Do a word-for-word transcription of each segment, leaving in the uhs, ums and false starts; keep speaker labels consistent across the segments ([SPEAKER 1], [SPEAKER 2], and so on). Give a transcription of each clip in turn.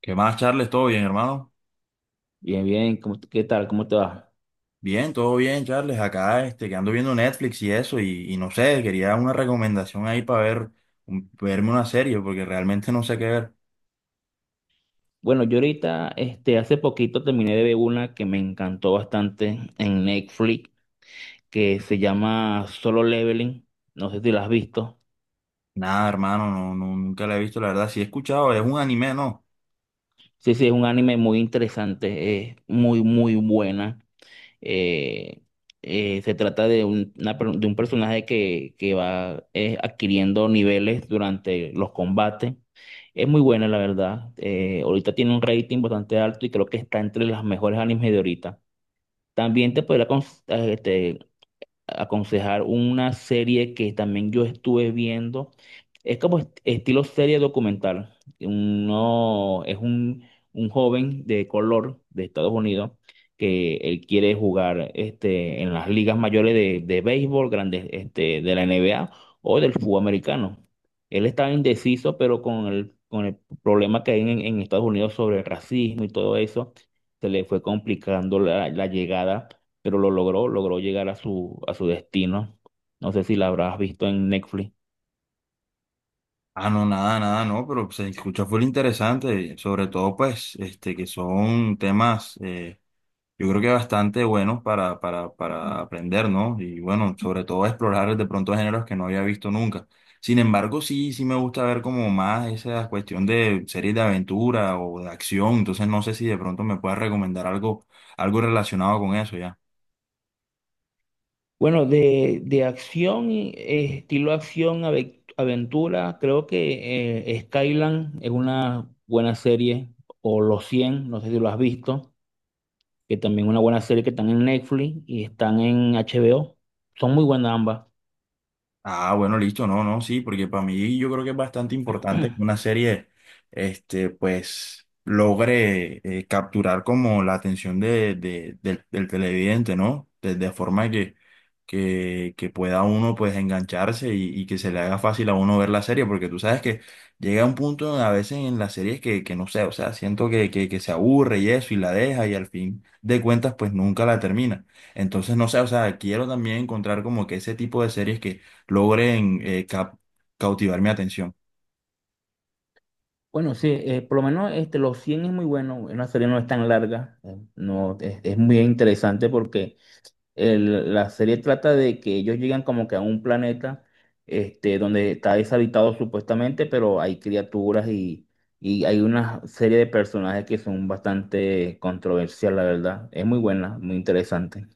[SPEAKER 1] ¿Qué más, Charles? ¿Todo bien, hermano?
[SPEAKER 2] Bien, bien, ¿cómo, qué tal? ¿Cómo te va?
[SPEAKER 1] Bien, todo bien, Charles. Acá, este, que ando viendo Netflix y eso, y, y no sé, quería una recomendación ahí para ver, un- verme una serie, porque realmente no sé qué ver.
[SPEAKER 2] Bueno, yo ahorita, este, hace poquito terminé de ver una que me encantó bastante en Netflix, que se llama Solo Leveling. No sé si la has visto.
[SPEAKER 1] Nada, hermano, no, no, nunca la he visto, la verdad. Sí he escuchado, es un anime, ¿no?
[SPEAKER 2] Sí, sí, es un anime muy interesante, es muy, muy buena. Eh, eh, Se trata de un, una per- de un personaje que, que va eh, adquiriendo niveles durante los combates. Es muy buena, la verdad. Eh, ahorita tiene un rating bastante alto y creo que está entre las mejores animes de ahorita. También te podría acon- eh, este, aconsejar una serie que también yo estuve viendo. Es como est- estilo serie documental. Uno, es un, un joven de color de Estados Unidos que él quiere jugar este, en las ligas mayores de, de béisbol, grandes, este, de la N B A o del fútbol americano. Él está indeciso, pero con el, con el problema que hay en, en Estados Unidos sobre el racismo y todo eso, se le fue complicando la la llegada, pero lo logró, logró llegar a su, a su destino. No sé si la habrás visto en Netflix.
[SPEAKER 1] Ah, no, nada, nada, no, pero se escucha full interesante, sobre todo, pues, este, que son temas. Eh, Yo creo que bastante bueno para, para, para aprender, ¿no? Y bueno, sobre todo explorar de pronto géneros que no había visto nunca. Sin embargo, sí, sí me gusta ver como más esa cuestión de series de aventura o de acción. Entonces no sé si de pronto me puedes recomendar algo, algo relacionado con eso ya.
[SPEAKER 2] Bueno, de, de acción, eh, estilo acción, ave- aventura, creo que eh, Skyland es una buena serie, o Los cien, no sé si lo has visto, que también es una buena serie que están en Netflix y están en H B O. Son muy buenas ambas.
[SPEAKER 1] Ah, bueno, listo, no, no, sí, porque para mí yo creo que es bastante importante que una serie, este, pues, logre eh, capturar como la atención de, de- del, del televidente, ¿no? De, de forma que, que, que pueda uno, pues, engancharse y, y que se le haga fácil a uno ver la serie, porque tú sabes que llega un punto a veces en las series que, que no sé, o sea, siento que, que, que se aburre y eso, y la deja, y al fin de cuentas, pues, nunca la termina. Entonces, no sé, o sea, quiero también encontrar como que ese tipo de series que logren eh, cap- cautivar mi atención.
[SPEAKER 2] Bueno, sí, eh, por lo menos este, Los cien es muy bueno, una serie no es tan larga, eh, no, es, es muy interesante porque el- la serie trata de que ellos llegan como que a un planeta, este, donde está deshabitado supuestamente, pero hay criaturas y, y hay una serie de personajes que son bastante controversial, la verdad. Es muy buena, muy interesante.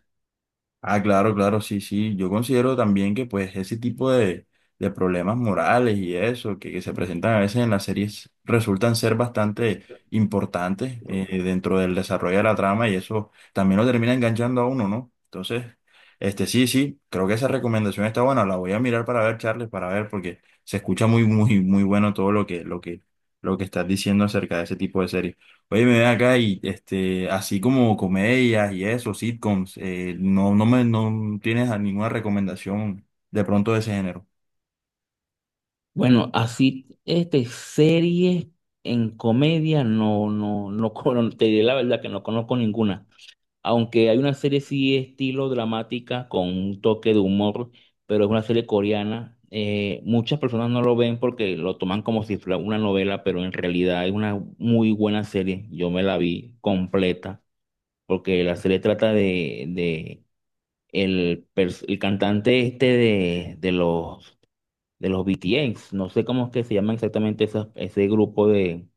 [SPEAKER 1] Ah, claro, claro, sí, sí. Yo considero también que pues ese tipo de, de problemas morales y eso que, que se presentan a veces en las series resultan ser bastante importantes eh, dentro del desarrollo de la trama y eso también lo termina enganchando a uno, ¿no? Entonces, este sí, sí, creo que esa recomendación está buena. La voy a mirar para ver, Charles, para ver, porque se escucha muy, muy, muy bueno todo lo que, lo que, lo que estás diciendo acerca de ese tipo de series. Oye, me ven acá y este, así como comedias y eso, sitcoms, eh, no, no me, no tienes a ninguna recomendación de pronto de ese género.
[SPEAKER 2] Bueno, así, este, series en comedia, no, no, no, cono- te diré la verdad que no conozco ninguna. Aunque hay una serie sí estilo dramática con un toque de humor, pero es una serie coreana. Eh, muchas personas no lo ven porque lo toman como si fuera una novela, pero en realidad es una muy buena serie. Yo me la vi completa porque la serie trata de, de el, pers- el cantante este de, de los de los B T S, no sé cómo es que se llaman exactamente esas- ese grupo de,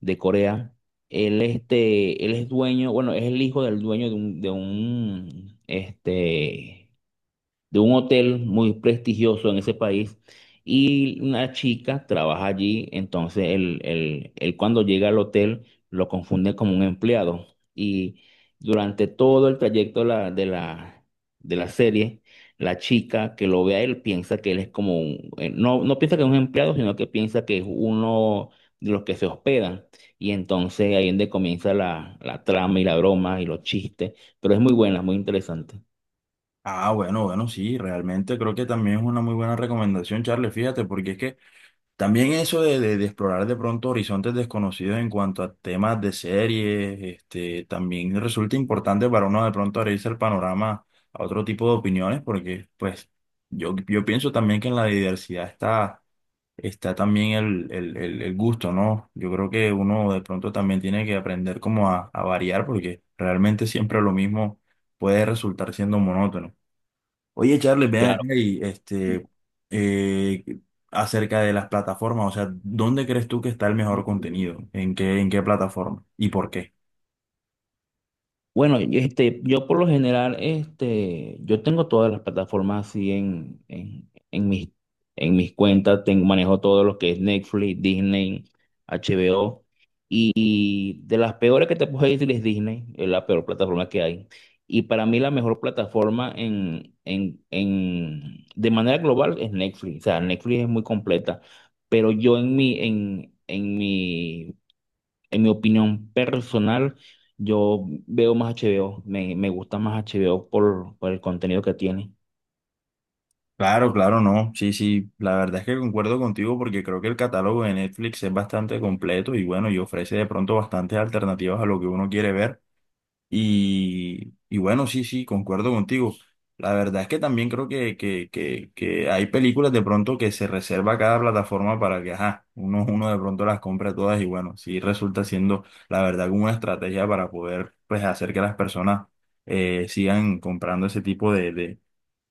[SPEAKER 2] de Corea. Él, este, él es dueño, bueno, es el hijo del dueño de un, de un, este, de un hotel muy prestigioso en ese país, y una chica trabaja allí, entonces él, él- él cuando llega al hotel lo confunde como un empleado y durante todo el trayecto de la, de la, de la serie, la chica que lo ve a él piensa que él es como un, eh, no, no piensa que es un empleado, sino que piensa que es uno de los que se hospedan. Y entonces ahí es donde comienza la, la trama y la broma y los chistes, pero es muy buena, muy interesante.
[SPEAKER 1] Ah, bueno, bueno, sí, realmente creo que también es una muy buena recomendación, Charles, fíjate, porque es que también eso de, de- de explorar de pronto horizontes desconocidos en cuanto a temas de series, este, también resulta importante para uno de pronto abrirse el panorama a otro tipo de opiniones, porque pues yo, yo pienso también que en la diversidad está está también el, el, el, el gusto, ¿no? Yo creo que uno de pronto también tiene que aprender como a, a variar porque realmente siempre lo mismo puede resultar siendo monótono. Oye, Charles, ven
[SPEAKER 2] Claro.
[SPEAKER 1] acá y este, eh, acerca de las plataformas, o sea, ¿dónde crees tú que está el mejor contenido? ¿En qué, en qué plataforma? ¿Y por qué?
[SPEAKER 2] Bueno, y este, yo por lo general, este, yo tengo todas las plataformas así en, en, en mis, en mis cuentas, tengo, manejo todo lo que es Netflix, Disney, H B O. Y de las peores que te puedo decir es Disney, es la peor plataforma que hay. Y para mí la mejor plataforma en, en, en, de manera global es Netflix. O sea, Netflix es muy completa. Pero yo en mi, en, en mi en mi opinión personal, yo veo más H B O, me, me gusta más H B O por, por el contenido que tiene.
[SPEAKER 1] Claro, claro, no. Sí, sí, la verdad es que concuerdo contigo porque creo que el catálogo de Netflix es bastante completo y bueno, y ofrece de pronto bastantes alternativas a lo que uno quiere ver. Y, y bueno, sí, sí, concuerdo contigo. La verdad es que también creo que, que, que, que hay películas de pronto que se reserva cada plataforma para que, ajá, uno, uno de pronto las compra todas y bueno, sí resulta siendo, la verdad, como una estrategia para poder, pues, hacer que las personas eh, sigan comprando ese tipo de, de,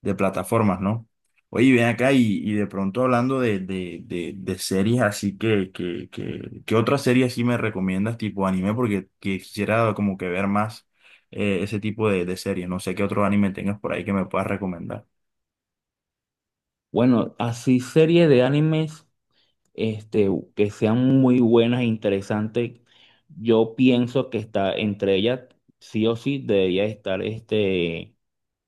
[SPEAKER 1] de plataformas, ¿no? Oye, ven acá y, y de pronto hablando de, de, de, de series, así que, que, que, ¿qué otra serie así me recomiendas tipo anime? Porque quisiera como que ver más eh, ese tipo de, de series. No sé qué otro anime tengas por ahí que me puedas recomendar.
[SPEAKER 2] Bueno, así series de animes, este, que sean muy buenas e interesantes, yo pienso que está entre ellas, sí o sí, debería estar este,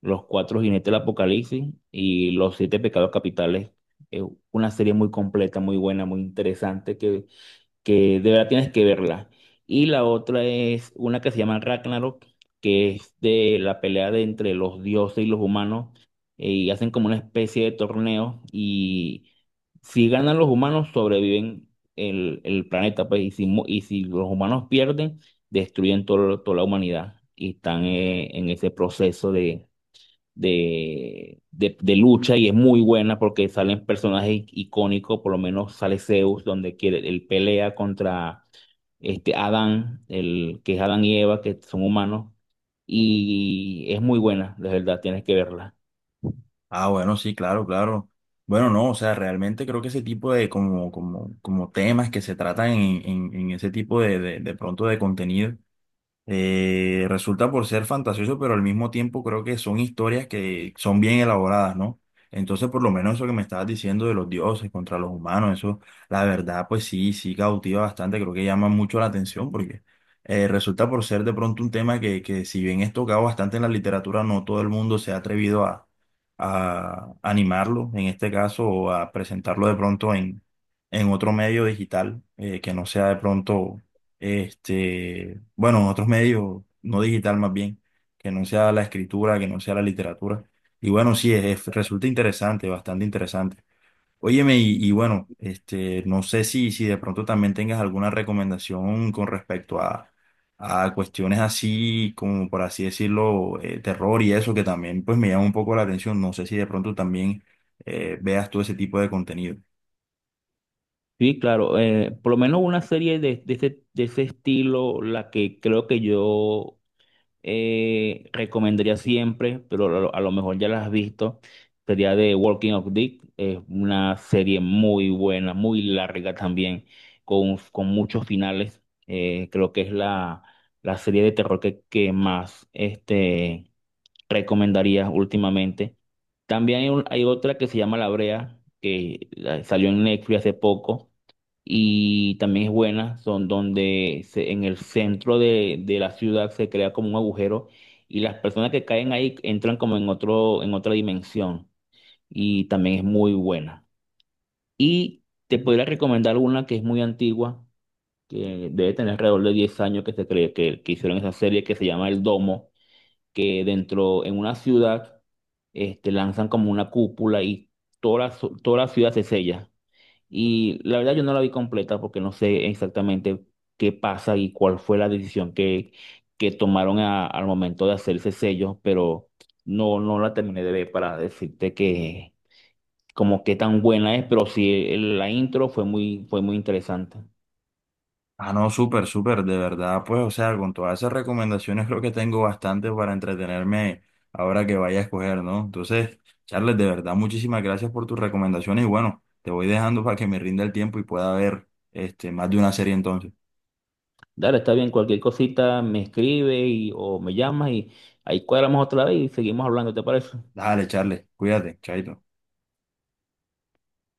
[SPEAKER 2] Los Cuatro Jinetes del Apocalipsis y Los Siete Pecados Capitales. Es una serie muy completa, muy buena, muy interesante, que que de verdad tienes que verla. Y la otra es una que se llama Ragnarok, que es de la pelea de entre los dioses y los humanos, eh, y hacen como una especie de torneo, y si ganan los humanos, sobreviven el, el planeta, pues, y si, mu- y si los humanos pierden, destruyen todo- toda la humanidad, y están eh, en ese proceso de, de, de lucha, y es muy buena porque salen personajes icónicos. Por lo menos sale Zeus, donde quiere, él pelea contra este Adán, el, que es Adán y Eva, que son humanos, y es muy buena, de verdad, tienes que verla.
[SPEAKER 1] Ah, bueno, sí, claro, claro. Bueno, no, o sea, realmente creo que ese tipo de como, como, como temas que se tratan en, en, en ese tipo de, de, de pronto de contenido. Eh, resulta por ser fantasioso, pero al mismo tiempo creo que son historias que son bien elaboradas, ¿no? Entonces, por lo menos eso que me estabas diciendo de los dioses contra los humanos, eso, la verdad, pues sí, sí cautiva bastante, creo que llama mucho la atención porque eh, resulta por ser de pronto un tema que, que si bien es tocado bastante en la literatura, no todo el mundo se ha atrevido a, a animarlo, en este caso, o a presentarlo de pronto en, en otro medio digital eh, que no sea de pronto este, bueno, otros medios, no digital más bien, que no sea la escritura, que no sea la literatura. Y bueno, sí, es, es- resulta interesante, bastante interesante. Óyeme, y, y bueno, este, no sé si, si de pronto también tengas alguna recomendación con respecto a, a cuestiones así, como por así decirlo, eh, terror y eso, que también pues me llama un poco la atención. No sé si de pronto también eh, veas todo ese tipo de contenido.
[SPEAKER 2] Sí, claro, eh, por lo menos una serie de, de ese, de ese estilo, la que creo que yo eh, recomendaría siempre, pero a lo, a lo mejor ya la has visto, sería de Walking of Dick. Es una serie muy buena, muy larga también, con, con muchos finales. Eh, creo que es la, la serie de terror que, que más este, recomendaría últimamente. También hay, un- hay otra que se llama La Brea, que eh, salió en Netflix hace poco y también es buena. Son donde se- en el centro de, de la ciudad se crea como un agujero y las personas que caen ahí entran como en otro, en otra dimensión, y también es muy buena. Y te podría recomendar una que es muy antigua, que debe tener alrededor de diez años que se cree que, que hicieron esa serie, que se llama El Domo, que dentro en una ciudad, este, lanzan como una cúpula y toda la, su- toda la ciudad se sella. Y la verdad yo no la vi completa porque no sé exactamente qué pasa y cuál fue la decisión que, que tomaron a- al momento de hacer ese sello, pero no, no la terminé de ver para decirte que como qué tan buena es, pero sí el- la intro fue muy, fue muy interesante.
[SPEAKER 1] Ah, no, súper, súper, de verdad, pues, o sea, con todas esas recomendaciones creo que tengo bastante para entretenerme ahora que vaya a escoger, ¿no? Entonces, Charles, de verdad, muchísimas gracias por tus recomendaciones y bueno, te voy dejando para que me rinda el tiempo y pueda ver este, más de una serie entonces.
[SPEAKER 2] Dale, está bien, cualquier cosita me escribe y, o me llama y ahí cuadramos otra vez y seguimos hablando, ¿te parece?
[SPEAKER 1] Dale, Charles, cuídate, chaito.